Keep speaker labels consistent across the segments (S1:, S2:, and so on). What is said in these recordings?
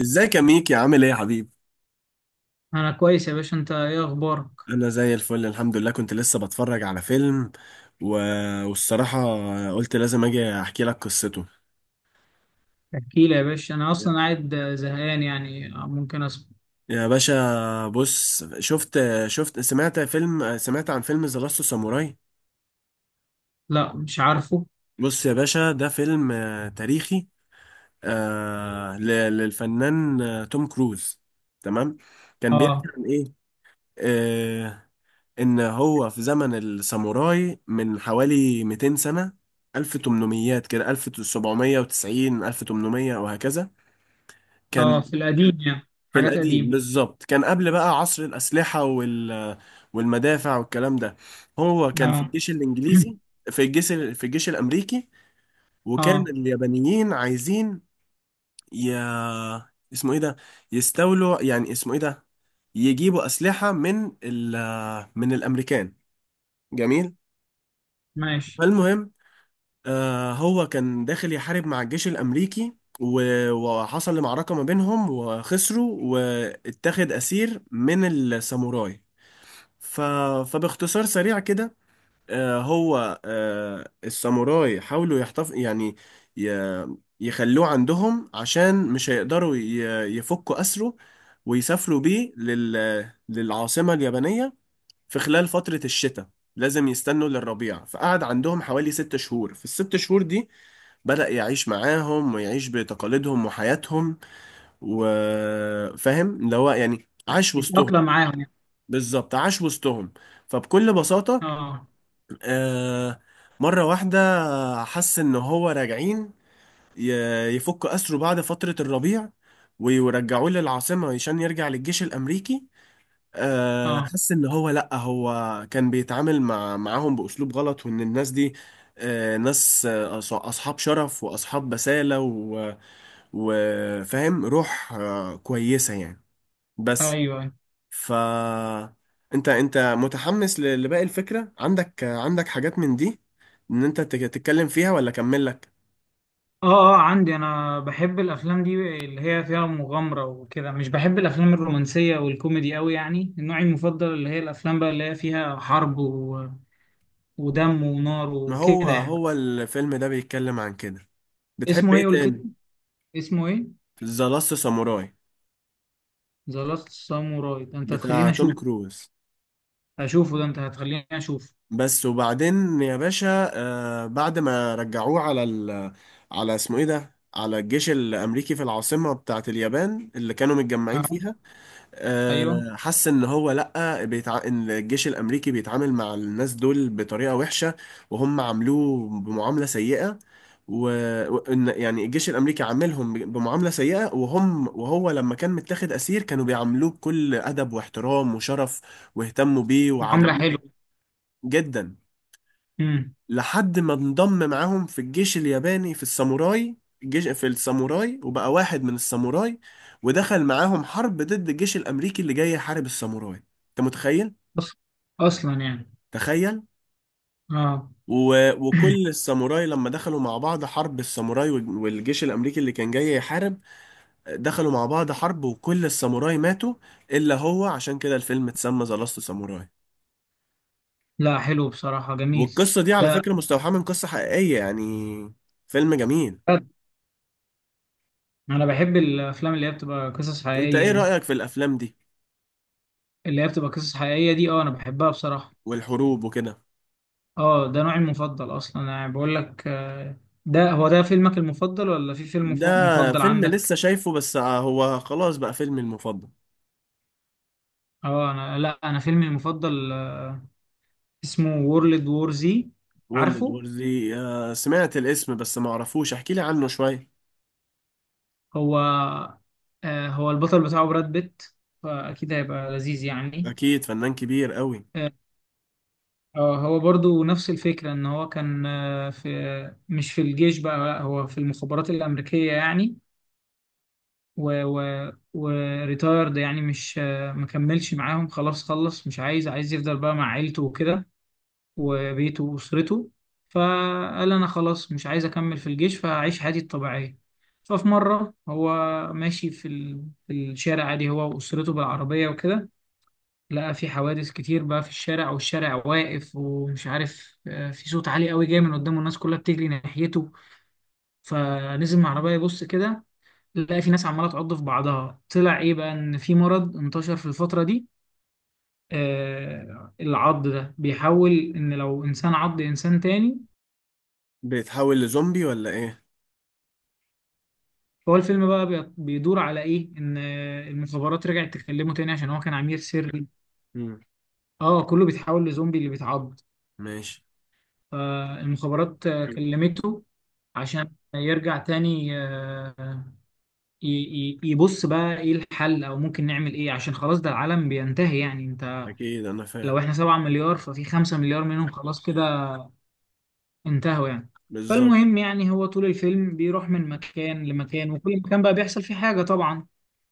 S1: ازيك يا ميكي، عامل ايه يا حبيبي؟
S2: انا كويس يا باشا، انت ايه اخبارك؟
S1: انا زي الفل الحمد لله. كنت لسه بتفرج على فيلم و... والصراحة قلت لازم اجي احكي لك قصته.
S2: احكي لي يا باشا، انا اصلا قاعد زهقان، يعني ممكن اسمع.
S1: يا باشا بص، شفت سمعت عن فيلم ذا لاست ساموراي.
S2: لا، مش عارفه.
S1: بص يا باشا، ده فيلم تاريخي، آه، ل- للفنان توم كروز. تمام. كان بيحكي
S2: اه
S1: عن ايه؟ آه، ان هو في زمن الساموراي من حوالي 200 سنة، 1800 كده، 1790، 1800 وهكذا.
S2: اه
S1: كان
S2: في القديم يعني.
S1: في
S2: حاجات
S1: القديم
S2: قديمة.
S1: بالظبط، كان قبل بقى عصر الأسلحة والمدافع والكلام ده. هو كان في
S2: اه.
S1: الجيش الإنجليزي، في الجيش الأمريكي. وكان
S2: اه.
S1: اليابانيين عايزين ي... اسمه ايه ده، يستولوا يعني، اسمه ايه ده، يجيبوا أسلحة من الأمريكان. جميل.
S2: ماشي.
S1: فالمهم، هو كان داخل يحارب مع الجيش الأمريكي، وحصل معركة ما بينهم وخسروا، واتخذ أسير من الساموراي. ف... فباختصار سريع كده، هو الساموراي حاولوا ي... يخلوه عندهم عشان مش هيقدروا يفكوا أسره، ويسافروا بيه للعاصمة اليابانية. في خلال فترة الشتاء لازم يستنوا للربيع، فقعد عندهم حوالي 6 شهور. في الست شهور دي بدأ يعيش معاهم ويعيش بتقاليدهم وحياتهم، وفاهم اللي هو يعني، عاش وسطهم.
S2: يتأقلم معاهم يعني.
S1: بالظبط، عاش وسطهم. فبكل بساطة،
S2: اه.
S1: آه، مرة واحدة حس إن هو راجعين ي- يفكوا أسره بعد فترة الربيع، ويرجعوه للعاصمة عشان يرجع للجيش الأمريكي.
S2: اه.
S1: حس إن هو لأ، هو كان بيتعامل معاهم بأسلوب غلط، وإن الناس دي ناس أصحاب شرف وأصحاب بسالة، وفاهم روح كويسة يعني.
S2: ايوه،
S1: بس
S2: أيوة.
S1: ف انت متحمس لباقي الفكرة؟ عندك حاجات من دي تتكلم فيها، ولا اكمل لك؟
S2: اه عندي، انا بحب الافلام دي اللي هي فيها مغامرة وكده. مش بحب الافلام الرومانسية والكوميدي قوي. يعني النوع المفضل اللي هي الافلام بقى اللي هي فيها حرب و... ودم ونار
S1: ما هو
S2: وكده يعني.
S1: هو الفيلم ده بيتكلم عن كده. بتحب
S2: اسمه
S1: ايه
S2: ايه قلت لي؟
S1: تاني؟
S2: اسمه ايه؟
S1: ذا لاست ساموراي
S2: ذا لاست ساموراي؟ ده انت
S1: بتاع
S2: هتخليني اشوف.
S1: توم كروز.
S2: اشوفه ده، انت هتخليني اشوف.
S1: بس وبعدين يا باشا، آه بعد ما رجعوه على اسمه ايه ده، على الجيش الامريكي في العاصمة بتاعت اليابان اللي كانوا متجمعين
S2: اه.
S1: فيها،
S2: ايوه.
S1: حس ان هو لا ان الجيش الامريكي بيتعامل مع الناس دول بطريقه وحشه، وهم عاملوه بمعامله سيئه. و... وان يعني الجيش الامريكي عاملهم بمعامله سيئه، وهم وهو لما كان متاخد اسير كانوا بيعاملوه بكل ادب واحترام وشرف، واهتموا بيه
S2: معاملة
S1: وعالجوه
S2: حلوة.
S1: جدا.
S2: امم.
S1: لحد ما انضم معاهم في الجيش الياباني، في الساموراي، وبقى واحد من الساموراي، ودخل معاهم حرب ضد الجيش الأمريكي اللي جاي يحارب الساموراي. انت متخيل؟
S2: أص- اصلا يعني.
S1: تخيل.
S2: اه.
S1: وكل الساموراي لما دخلوا مع بعض حرب، الساموراي والجيش الأمريكي اللي كان جاي يحارب، دخلوا مع بعض حرب، وكل الساموراي ماتوا إلا هو، عشان كده الفيلم اتسمى ذا لاست ساموراي.
S2: لا، حلو بصراحة، جميل.
S1: والقصة دي على
S2: لا،
S1: فكرة مستوحاة من قصة حقيقية يعني. فيلم جميل.
S2: انا بحب الافلام اللي هي بتبقى قصص
S1: انت
S2: حقيقية
S1: ايه
S2: دي.
S1: رأيك في الأفلام دي؟
S2: اللي هي بتبقى قصص حقيقية دي، اه انا بحبها بصراحة.
S1: والحروب وكده.
S2: اه، ده نوعي المفضل اصلا. انا يعني بقول لك ده هو ده فيلمك المفضل، ولا في فيلم
S1: ده
S2: مفضل
S1: فيلم لسه
S2: عندك؟
S1: شايفه بس هو خلاص بقى فيلمي المفضل.
S2: اه، انا لا، انا فيلمي المفضل اسمه وورلد وور زي.
S1: وورلد
S2: عارفه،
S1: وور زي، سمعت الاسم بس ما اعرفوش، احكي لي عنه شوية.
S2: هو هو البطل بتاعه براد بيت، فأكيد هيبقى لذيذ يعني.
S1: اكيد فنان كبير قوي.
S2: آه. هو برضو نفس الفكرة، إن هو كان في، مش في الجيش بقى، لا هو في المخابرات الأمريكية يعني. و وريتايرد يعني، مش مكملش معاهم، خلاص خلص، مش عايز، عايز يفضل بقى مع عيلته وكده، وبيته وأسرته. فقال أنا خلاص مش عايز أكمل في الجيش، فهعيش حياتي الطبيعية. ففي مرة هو ماشي في الشارع عادي، هو وأسرته بالعربية وكده. لقى في حوادث كتير بقى في الشارع، والشارع واقف ومش عارف، في صوت عالي قوي جاي من قدامه، الناس كلها بتجري ناحيته. فنزل من العربية يبص كده، لقى في ناس عمالة تعض في بعضها. طلع إيه بقى، إن في مرض انتشر في الفترة دي. العض ده بيحول، ان لو انسان عض انسان تاني.
S1: بيتحول لزومبي ولا ايه؟
S2: هو الفيلم بقى بيدور على ايه؟ ان المخابرات رجعت تكلمه تاني عشان هو كان عميل سري.
S1: مم.
S2: اه كله بيتحول لزومبي اللي بيتعض.
S1: ماشي.
S2: فالمخابرات كلمته عشان يرجع تاني. يبص بقى ايه الحل، او ممكن نعمل ايه، عشان خلاص ده العالم بينتهي يعني. انت
S1: اكيد انا
S2: لو
S1: فاهم.
S2: احنا 7 مليار، ففي 5 مليار منهم خلاص كده انتهوا يعني.
S1: بالظبط.
S2: فالمهم يعني، هو طول الفيلم بيروح من مكان لمكان، وكل مكان بقى بيحصل فيه حاجة طبعا.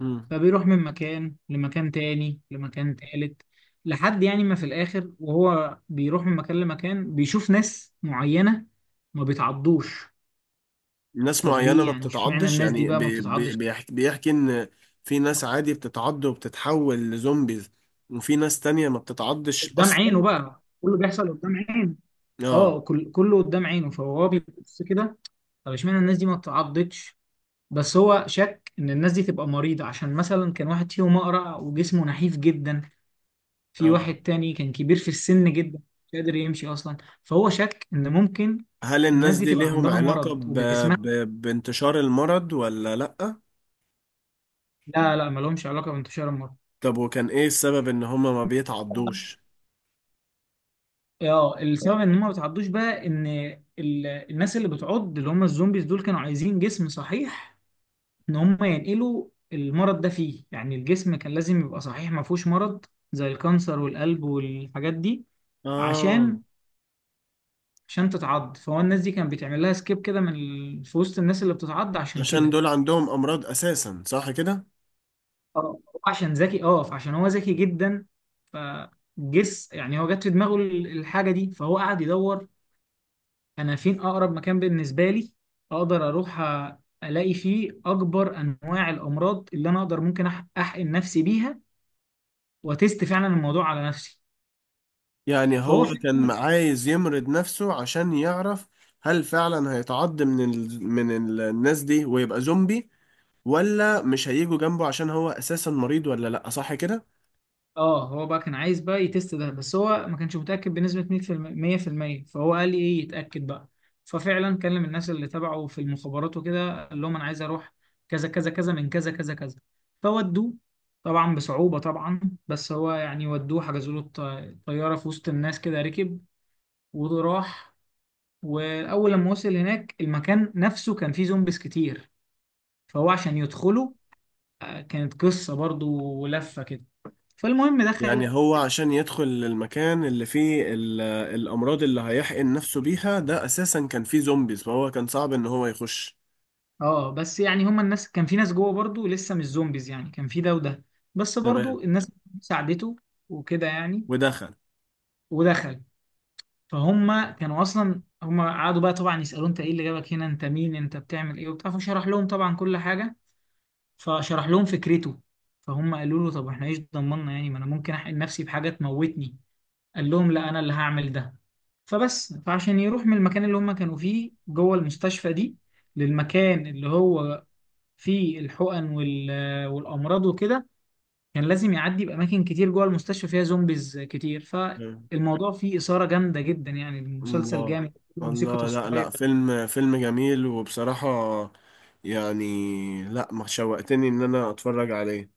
S1: مم.
S2: فبيروح من مكان لمكان تاني لمكان تالت، لحد يعني ما في الآخر. وهو بيروح من مكان لمكان، بيشوف ناس معينة ما بيتعضوش.
S1: ناس
S2: طب
S1: معينة
S2: ليه
S1: ما
S2: يعني، اشمعنى
S1: بتتعضش
S2: الناس دي
S1: يعني،
S2: بقى ما
S1: بي بي
S2: بتتعضش؟
S1: بيحكي, بيحكي ان في ناس عادي بتتعض وبتتحول لزومبيز، وفي ناس تانية ما بتتعضش
S2: قدام عينه
S1: اصلا.
S2: بقى كله بيحصل قدام عينه.
S1: اه.
S2: اه، كله قدام عينه. فهو بيبص كده، طب اشمعنى الناس دي ما بتتعضش؟ بس هو شك ان الناس دي تبقى مريضة، عشان مثلا كان واحد فيهم اقرع وجسمه نحيف جدا. في واحد
S1: اه.
S2: تاني كان كبير في السن جدا، مش قادر يمشي اصلا. فهو شك ان ممكن
S1: هل
S2: الناس
S1: الناس
S2: دي
S1: دي
S2: تبقى
S1: ليهم
S2: عندها
S1: علاقة
S2: مرض وجسمها.
S1: ب... بانتشار المرض ولا لأ؟
S2: لا ما لهمش علاقه بانتشار المرض.
S1: طب وكان ايه السبب ان هما ما بيتعضوش؟
S2: اه، السبب ان هم ما بيتعضوش بقى ان الناس اللي بتعض، اللي هم الزومبيز دول، كانوا عايزين جسم صحيح، ان هم ينقلوا المرض ده فيه. يعني الجسم كان لازم يبقى صحيح، ما فيهوش مرض زي الكانسر والقلب والحاجات دي
S1: آه،
S2: عشان تتعض. فهو الناس دي كان بيتعمل لها سكيب كده في وسط الناس اللي بتتعض، عشان
S1: عشان
S2: كده.
S1: دول عندهم أمراض أساسا، صح كده؟
S2: اه، عشان ذكي، اه، فعشان هو ذكي جدا. فجس يعني هو جت في دماغه الحاجه دي، فهو قعد يدور، انا فين اقرب مكان بالنسبه لي اقدر اروح، الاقي فيه اكبر انواع الامراض اللي انا اقدر، ممكن احقن نفسي بيها، وتست فعلا الموضوع على نفسي.
S1: يعني هو
S2: فهو
S1: كان عايز يمرض نفسه عشان يعرف هل فعلا هيتعض من الناس دي ويبقى زومبي، ولا مش هيجوا جنبه عشان هو أساسا مريض، ولا لأ، صح كده؟
S2: اه، هو بقى كان عايز بقى يتست ده. بس هو ما كانش متأكد بنسبة 100%، فهو قال لي ايه يتأكد بقى. ففعلا كلم الناس اللي تبعه في المخابرات وكده، قال لهم انا عايز اروح كذا كذا كذا من كذا كذا كذا. فودوه، طبعا بصعوبة طبعا. بس هو يعني ودوه، حجزوا له طيارة في وسط الناس كده، ركب وراح. واول لما وصل هناك، المكان نفسه كان فيه زومبيز كتير. فهو عشان يدخله، كانت قصة برضو ولفة كده. فالمهم
S1: يعني
S2: دخل.
S1: هو عشان يدخل المكان اللي فيه الأمراض اللي هيحقن نفسه بيها ده، أساسا كان فيه زومبيز، فهو كان صعب إن هو يخش.
S2: اه بس يعني هما الناس، كان في ناس جوه برضو لسه مش زومبيز، يعني كان في ده وده. بس برضو
S1: تمام.
S2: الناس ساعدته وكده يعني.
S1: ودخل.
S2: ودخل. فهم كانوا اصلا، هم قعدوا بقى طبعا يسالوه، انت ايه اللي جابك هنا، انت مين، انت بتعمل ايه وبتاع. فشرح لهم طبعا كل حاجه، فشرح لهم فكرته. فهم قالوا له طب احنا ايش ضمننا، يعني ما انا ممكن احقن نفسي بحاجه تموتني. قال لهم لا انا اللي هعمل ده. فبس، فعشان يروح من المكان اللي هم كانوا فيه جوه المستشفى دي، للمكان اللي هو في الحقن والامراض وكده، كان لازم يعدي باماكن كتير جوه المستشفى فيها زومبيز كتير.
S1: تمام.
S2: فالموضوع فيه اثاره جامده جدا يعني، المسلسل
S1: الله.
S2: جامد، موسيقى
S1: الله. لا، لا،
S2: تصويريه.
S1: فيلم جميل وبصراحة يعني، لا ما شوقتني إن أنا أتفرج عليه.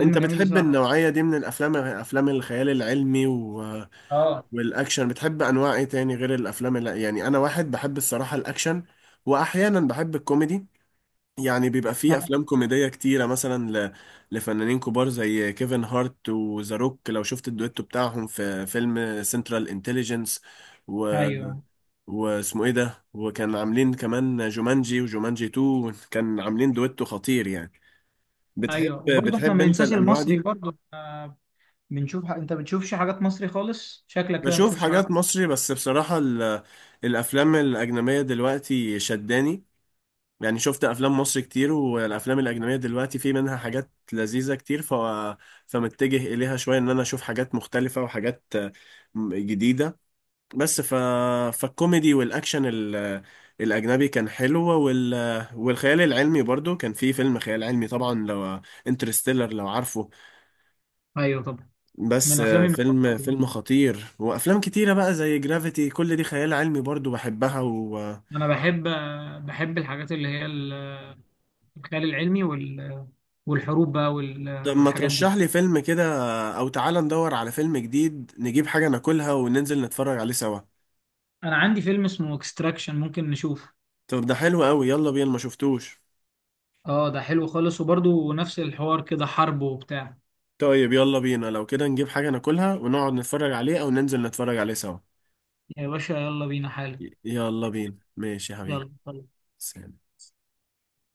S1: أنت
S2: جميل
S1: بتحب
S2: بصراحه.
S1: النوعية دي من الأفلام؟ أفلام الخيال العلمي
S2: اه.
S1: والأكشن؟ بتحب أنواع إيه تاني غير الأفلام اللي... يعني أنا واحد بحب الصراحة الأكشن، وأحيانا بحب الكوميدي. يعني بيبقى فيه
S2: أنا-
S1: افلام كوميديه كتيره مثلا لفنانين كبار زي كيفن هارت وذا روك، لو شفت الدويتو بتاعهم في فيلم سنترال انتليجنس و...
S2: ايوه،
S1: واسمه ايه ده، وكان عاملين كمان جومانجي وجومانجي 2، كان عاملين دويتو خطير يعني. بتحب
S2: ايوه. وبرضه احنا
S1: بتحب
S2: ما
S1: انت
S2: ننساش
S1: الانواع
S2: المصري،
S1: دي؟
S2: برضه إحنا بنشوف انت بتشوفش حاجات مصري خالص، شكلك كده ما
S1: بشوف
S2: بتشوفش حاجات.
S1: حاجات مصري بس بصراحه الافلام الاجنبيه دلوقتي شداني، يعني شفت افلام مصر كتير والافلام الاجنبيه دلوقتي في منها حاجات لذيذه كتير. فمتجه اليها شويه ان انا اشوف حاجات مختلفه، وحاجات جديده. بس فالكوميدي والاكشن الاجنبي كان حلو. والخيال العلمي برضو، كان في فيلم خيال علمي طبعا، لو انترستيلر لو عارفه،
S2: ايوه طبعا،
S1: بس
S2: من افلامي
S1: فيلم
S2: المفضله.
S1: فيلم خطير. وافلام كتيره بقى زي جرافيتي كل دي خيال علمي برضو بحبها
S2: انا بحب بحب الحاجات اللي هي الخيال العلمي والحروب بقى
S1: طب ما
S2: والحاجات
S1: ترشح
S2: دي.
S1: لي فيلم كده، او تعالى ندور على فيلم جديد نجيب حاجة ناكلها وننزل نتفرج عليه سوا.
S2: انا عندي فيلم اسمه اكستراكشن، ممكن نشوفه.
S1: طب ده حلو قوي، يلا بينا، ما شفتوش.
S2: اه ده حلو خالص، وبرضه نفس الحوار كده، حرب وبتاع.
S1: طيب يلا بينا لو كده، نجيب حاجة ناكلها ونقعد نتفرج عليه، او ننزل نتفرج عليه سوا.
S2: يا باشا يلا بينا حالا.
S1: يلا بينا ماشي يا حبيبي،
S2: يلا.
S1: سلام.